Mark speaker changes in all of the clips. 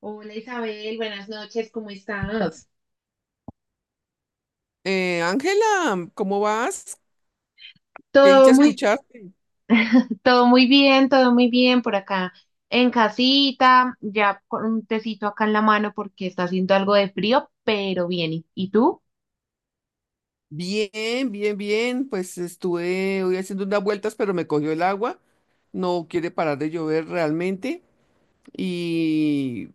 Speaker 1: Hola Isabel, buenas noches, ¿cómo estás?
Speaker 2: Ángela, ¿cómo vas? Qué dicha
Speaker 1: Todo muy,
Speaker 2: escucharte.
Speaker 1: todo muy bien por acá en casita, ya con un tecito acá en la mano porque está haciendo algo de frío, pero bien. ¿Y tú?
Speaker 2: Bien, bien, bien. Pues estuve hoy haciendo unas vueltas, pero me cogió el agua. No quiere parar de llover realmente. Y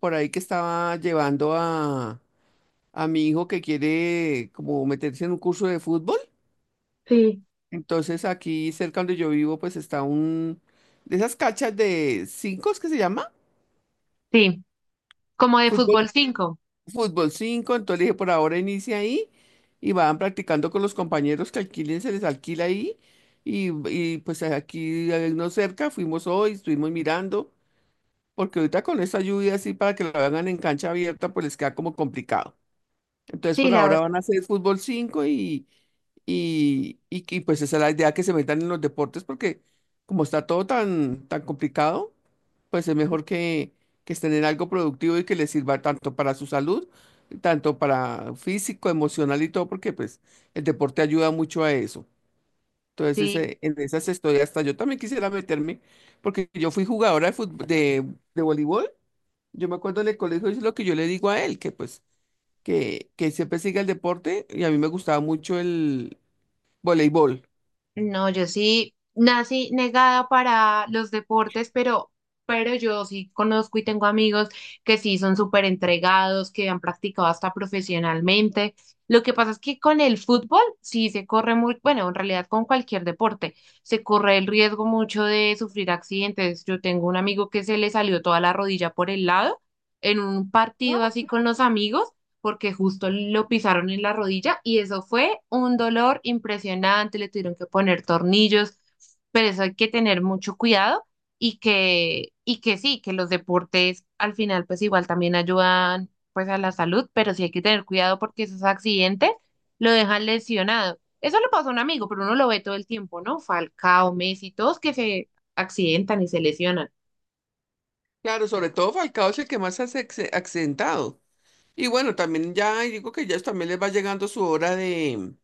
Speaker 2: por ahí que estaba llevando a mi hijo que quiere como meterse en un curso de fútbol.
Speaker 1: Sí.
Speaker 2: Entonces aquí cerca donde yo vivo, pues está un de esas cachas de cinco, ¿es que se llama?
Speaker 1: Sí, como de
Speaker 2: Fútbol
Speaker 1: fútbol 5.
Speaker 2: Fútbol cinco, entonces le dije, por ahora inicia ahí y van practicando con los compañeros que alquilen, se les alquila ahí. Pues aquí no cerca, fuimos hoy, estuvimos mirando, porque ahorita con esta lluvia así para que la hagan en cancha abierta, pues les queda como complicado. Entonces
Speaker 1: Sí,
Speaker 2: por
Speaker 1: la verdad.
Speaker 2: ahora van a hacer fútbol cinco y pues esa es la idea que se metan en los deportes porque como está todo tan, tan complicado, pues es mejor que estén en algo productivo y que les sirva tanto para su salud, tanto para físico, emocional y todo, porque pues el deporte ayuda mucho a eso. Entonces, en esas estoy, hasta yo también quisiera meterme, porque yo fui jugadora de voleibol. Yo me acuerdo en el colegio, es lo que yo le digo a él, que pues, que siempre siga el deporte, y a mí me gustaba mucho el voleibol.
Speaker 1: No, yo sí nací negada para los deportes, pero yo sí conozco y tengo amigos que sí son súper entregados, que han practicado hasta profesionalmente. Lo que pasa es que con el fútbol sí se corre muy, bueno, en realidad con cualquier deporte, se corre el riesgo mucho de sufrir accidentes. Yo tengo un amigo que se le salió toda la rodilla por el lado en un
Speaker 2: ¿No?
Speaker 1: partido así con los amigos porque justo lo pisaron en la rodilla y eso fue un dolor impresionante, le tuvieron que poner tornillos, pero eso hay que tener mucho cuidado y que sí, que los deportes al final pues igual también ayudan pues a la salud, pero sí hay que tener cuidado porque esos accidentes lo dejan lesionado. Eso le pasó a un amigo, pero uno lo ve todo el tiempo, ¿no? Falcao, Messi, todos que se accidentan y se lesionan.
Speaker 2: Claro, sobre todo Falcao es el que más se ha accidentado. Y bueno, también ya digo que ya también les va llegando su hora de,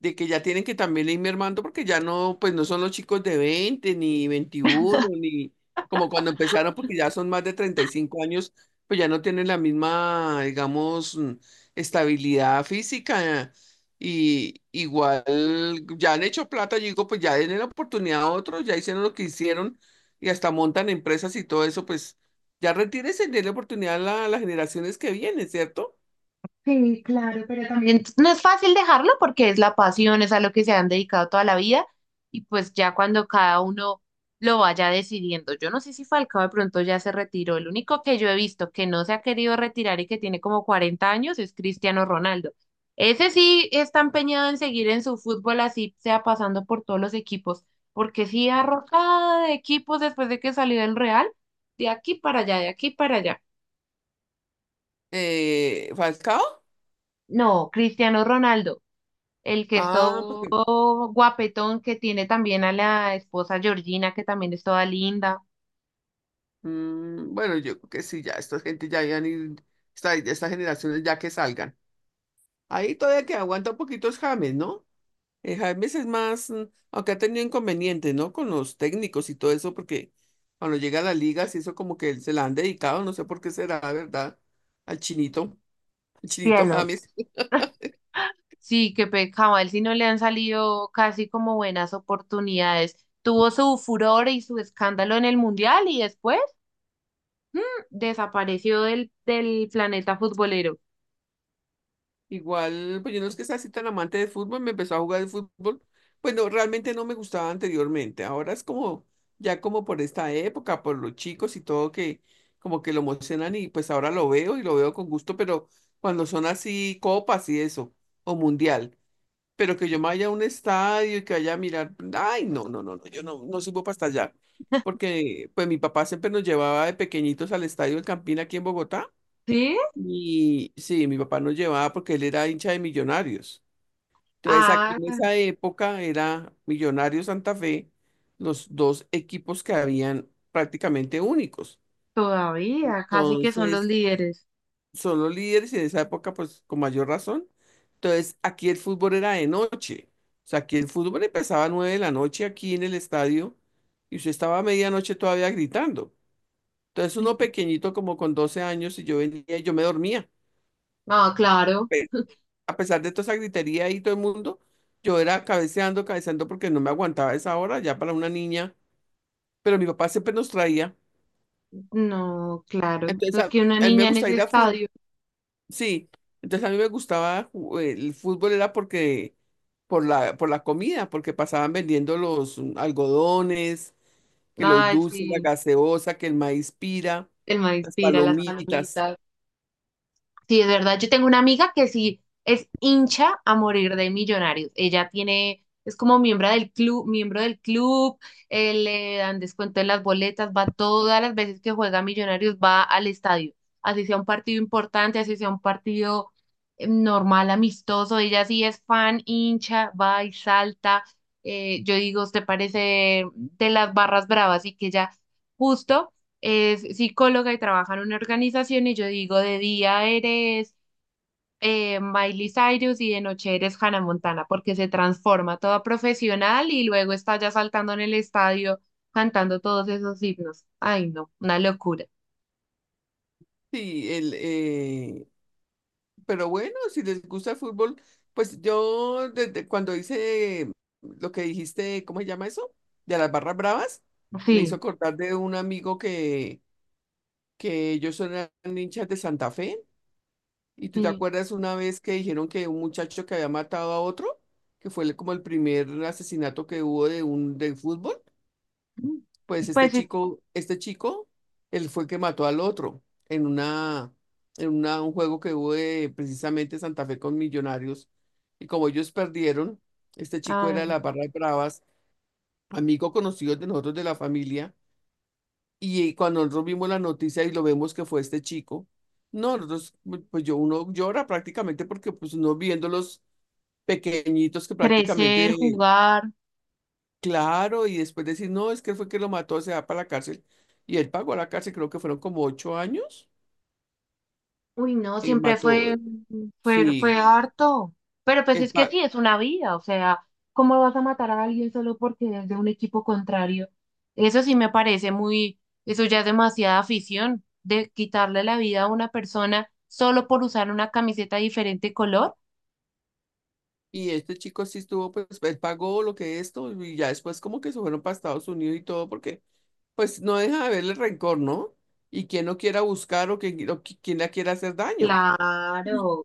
Speaker 2: de que ya tienen que también ir mermando porque ya no, pues no son los chicos de 20 ni 21 ni como cuando empezaron porque ya son más de 35 años, pues ya no tienen la misma, digamos, estabilidad física y igual ya han hecho plata, yo digo, pues ya denle la oportunidad a otros, ya hicieron lo que hicieron y hasta montan empresas y todo eso, pues ya retírense, denle oportunidad a a las generaciones que vienen, ¿cierto?
Speaker 1: También no es fácil dejarlo porque es la pasión, es a lo que se han dedicado toda la vida y pues ya cuando cada uno lo vaya decidiendo. Yo no sé si Falcao de pronto ya se retiró. El único que yo he visto que no se ha querido retirar y que tiene como 40 años es Cristiano Ronaldo. Ese sí está empeñado en seguir en su fútbol así sea pasando por todos los equipos, porque sí arrojada de equipos después de que salió del Real, de aquí para allá, de aquí para allá.
Speaker 2: Falcao.
Speaker 1: No, Cristiano Ronaldo, el que es
Speaker 2: Ah,
Speaker 1: todo
Speaker 2: porque.
Speaker 1: guapetón, que tiene también a la esposa Georgina, que también es toda linda.
Speaker 2: Mm, bueno, yo creo que sí, ya esta gente ya habían ir estas generaciones ya que salgan. Ahí todavía que aguanta un poquito es James, ¿no? James es más, aunque ha tenido inconvenientes, ¿no? Con los técnicos y todo eso, porque cuando llega a la liga, sí, eso como que se la han dedicado, no sé por qué será, ¿verdad? Al chinito, al chinito
Speaker 1: Cielo.
Speaker 2: James.
Speaker 1: Sí, que cabal, si no le han salido casi como buenas oportunidades. Tuvo su furor y su escándalo en el mundial y después desapareció del planeta futbolero.
Speaker 2: Igual, pues yo no es que sea así tan amante de fútbol, me empezó a jugar el fútbol. Pues no, realmente no me gustaba anteriormente. Ahora es como, ya como por esta época, por los chicos y todo que como que lo emocionan y pues ahora lo veo y lo veo con gusto, pero cuando son así copas y eso, o mundial, pero que yo me vaya a un estadio y que vaya a mirar, ay, no, no, no, no, yo no, no sirvo para hasta allá. Porque pues mi papá siempre nos llevaba de pequeñitos al estadio del Campín aquí en Bogotá
Speaker 1: ¿Sí?
Speaker 2: y sí, mi papá nos llevaba porque él era hincha de Millonarios. Entonces, aquí
Speaker 1: Ah,
Speaker 2: en esa época era Millonarios Santa Fe, los dos equipos que habían prácticamente únicos.
Speaker 1: todavía, casi que son los
Speaker 2: Entonces,
Speaker 1: líderes.
Speaker 2: son los líderes y en esa época, pues con mayor razón. Entonces, aquí el fútbol era de noche. O sea, aquí el fútbol empezaba a 9 de la noche aquí en el estadio y usted estaba a medianoche todavía gritando. Entonces, uno pequeñito como con 12 años y yo venía y yo me dormía
Speaker 1: Ah, claro,
Speaker 2: a pesar de toda esa gritería y todo el mundo, yo era cabeceando, cabeceando porque no me aguantaba esa hora ya para una niña, pero mi papá siempre nos traía.
Speaker 1: no, claro. No
Speaker 2: Entonces
Speaker 1: es que una
Speaker 2: a mí me
Speaker 1: niña en
Speaker 2: gustaba
Speaker 1: ese
Speaker 2: ir a fútbol,
Speaker 1: estadio,
Speaker 2: sí, entonces a mí me gustaba el fútbol era porque por la comida, porque pasaban vendiendo los algodones, que los
Speaker 1: ay,
Speaker 2: dulces, la
Speaker 1: sí,
Speaker 2: gaseosa, que el maíz pira,
Speaker 1: el man
Speaker 2: las
Speaker 1: inspira las
Speaker 2: palomitas,
Speaker 1: palomitas. Sí, es verdad. Yo tengo una amiga que sí es hincha a morir de Millonarios. Ella tiene, es como miembro del club, le dan descuento en las boletas, va todas las veces que juega Millonarios, va al estadio. Así sea un partido importante, así sea un partido normal, amistoso. Ella sí es fan, hincha, va y salta. Yo digo, ¿te parece de las barras bravas? Y que ella justo es psicóloga y trabaja en una organización y yo digo, de día eres Miley Cyrus y de noche eres Hannah Montana, porque se transforma toda profesional y luego está ya saltando en el estadio cantando todos esos himnos. Ay, no, una locura.
Speaker 2: sí. Pero bueno, si les gusta el fútbol, pues yo desde cuando hice lo que dijiste, ¿cómo se llama eso? De las barras bravas, me hizo
Speaker 1: Sí,
Speaker 2: acordar de un amigo que ellos eran hinchas de Santa Fe. ¿Y tú te
Speaker 1: sí.
Speaker 2: acuerdas una vez que dijeron que un muchacho que había matado a otro, que fue como el primer asesinato que hubo de fútbol? Pues este
Speaker 1: Pues es-
Speaker 2: chico, él fue el que mató al otro en una, un juego que hubo precisamente Santa Fe con Millonarios. Y como ellos perdieron, este chico era de
Speaker 1: Ay,
Speaker 2: la barra de Bravas, amigo conocido de nosotros de la familia. Y cuando nosotros vimos la noticia y lo vemos que fue este chico, no, nosotros, pues yo uno llora prácticamente porque pues uno viendo los pequeñitos que
Speaker 1: crecer,
Speaker 2: prácticamente.
Speaker 1: jugar.
Speaker 2: Claro, y después decir, no, es que fue que lo mató, se va para la cárcel. Y él pagó la cárcel, creo que fueron como 8 años.
Speaker 1: Uy, no,
Speaker 2: eh, mató, eh,
Speaker 1: fue
Speaker 2: sí,
Speaker 1: harto. Pero pues
Speaker 2: él
Speaker 1: es que
Speaker 2: pa-
Speaker 1: sí, es una vida. O sea, ¿cómo vas a matar a alguien solo porque es de un equipo contrario? Eso sí me parece muy, eso ya es demasiada afición, de quitarle la vida a una persona solo por usar una camiseta de diferente color.
Speaker 2: y este chico sí estuvo, pues, él pagó lo que esto, y ya después como que se fueron para Estados Unidos y todo, porque pues no deja de haberle rencor, ¿no? Y quien no quiera buscar o quien, quien la quiera hacer daño. Mm.
Speaker 1: Claro.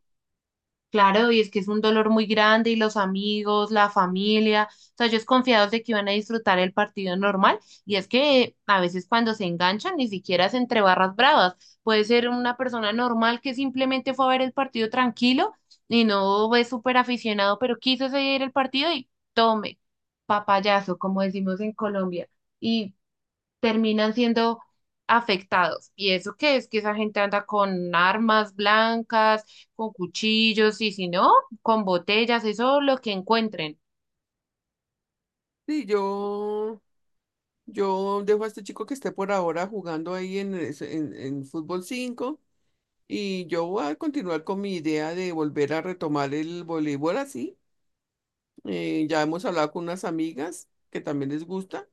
Speaker 1: Claro, y es que es un dolor muy grande y los amigos, la familia, o sea, ellos confiados de que iban a disfrutar el partido normal y es que a veces cuando se enganchan ni siquiera es entre barras bravas, puede ser una persona normal que simplemente fue a ver el partido tranquilo y no es súper aficionado, pero quiso seguir el partido y tome, papayazo, como decimos en Colombia. Y terminan siendo afectados. ¿Y eso qué es? Que esa gente anda con armas blancas, con cuchillos y si no, con botellas, eso lo que encuentren.
Speaker 2: Sí, yo dejo a este chico que esté por ahora jugando ahí en fútbol cinco. Y yo voy a continuar con mi idea de volver a retomar el voleibol así. Ya hemos hablado con unas amigas que también les gusta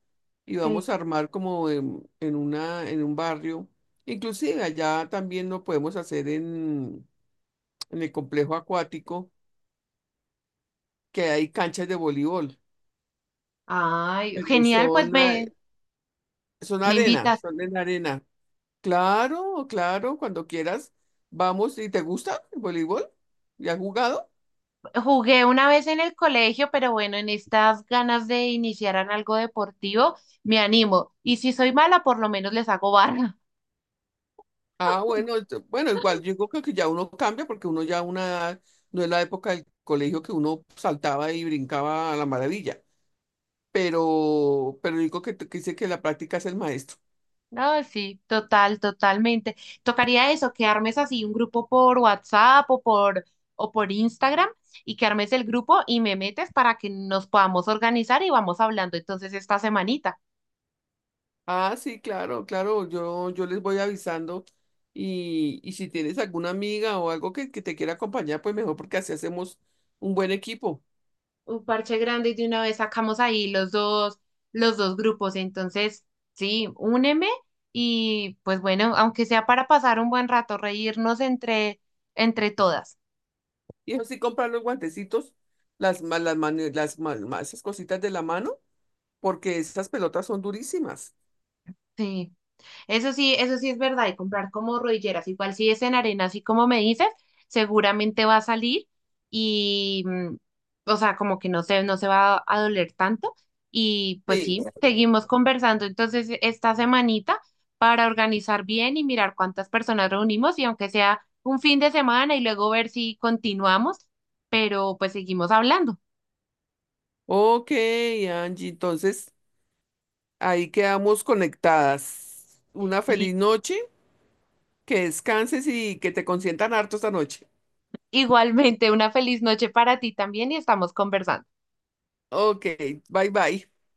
Speaker 2: y
Speaker 1: Sí.
Speaker 2: vamos a armar como en un barrio. Inclusive allá también lo podemos hacer en el complejo acuático, que hay canchas de voleibol,
Speaker 1: Ay,
Speaker 2: pero
Speaker 1: genial,
Speaker 2: son, son
Speaker 1: me
Speaker 2: arena,
Speaker 1: invitas.
Speaker 2: son en arena. Claro, claro, cuando quieras, vamos. ¿Y te gusta el voleibol? ¿Ya has jugado?
Speaker 1: Jugué una vez en el colegio, pero bueno, en estas ganas de iniciar en algo deportivo, me animo. Y si soy mala, por lo menos les hago barra.
Speaker 2: Ah, bueno, igual yo creo que ya uno cambia porque uno ya una edad, no es la época del colegio que uno saltaba y brincaba a la maravilla, pero digo que dice que la práctica es el maestro.
Speaker 1: No, sí, total, totalmente. Tocaría eso, que armes así un grupo por WhatsApp o por Instagram y que armes el grupo y me metes para que nos podamos organizar y vamos hablando entonces esta semanita.
Speaker 2: Ah, sí, claro, claro, yo les voy avisando y si tienes alguna amiga o algo que te quiera acompañar, pues mejor porque así hacemos un buen equipo.
Speaker 1: Un parche grande y de una vez sacamos ahí los dos grupos. Entonces, sí, úneme y pues bueno, aunque sea para pasar un buen rato, reírnos entre todas.
Speaker 2: Y eso sí, comprar los guantecitos, las, ma- las, mane- las, ma- ma- esas cositas de la mano, porque esas pelotas son durísimas.
Speaker 1: Sí. Eso sí es verdad, y comprar como rodilleras, igual si es en arena, así como me dices, seguramente va a salir y, o sea, como que no se va a doler tanto. Y pues
Speaker 2: Sí.
Speaker 1: sí, seguimos conversando entonces esta semanita para organizar bien y mirar cuántas personas reunimos y aunque sea un fin de semana y luego ver si continuamos, pero pues seguimos hablando.
Speaker 2: Ok, Angie, entonces ahí quedamos conectadas. Una feliz
Speaker 1: Listo.
Speaker 2: noche, que descanses y que te consientan harto esta noche.
Speaker 1: Igualmente, una feliz noche para ti también y estamos conversando.
Speaker 2: Ok, bye bye.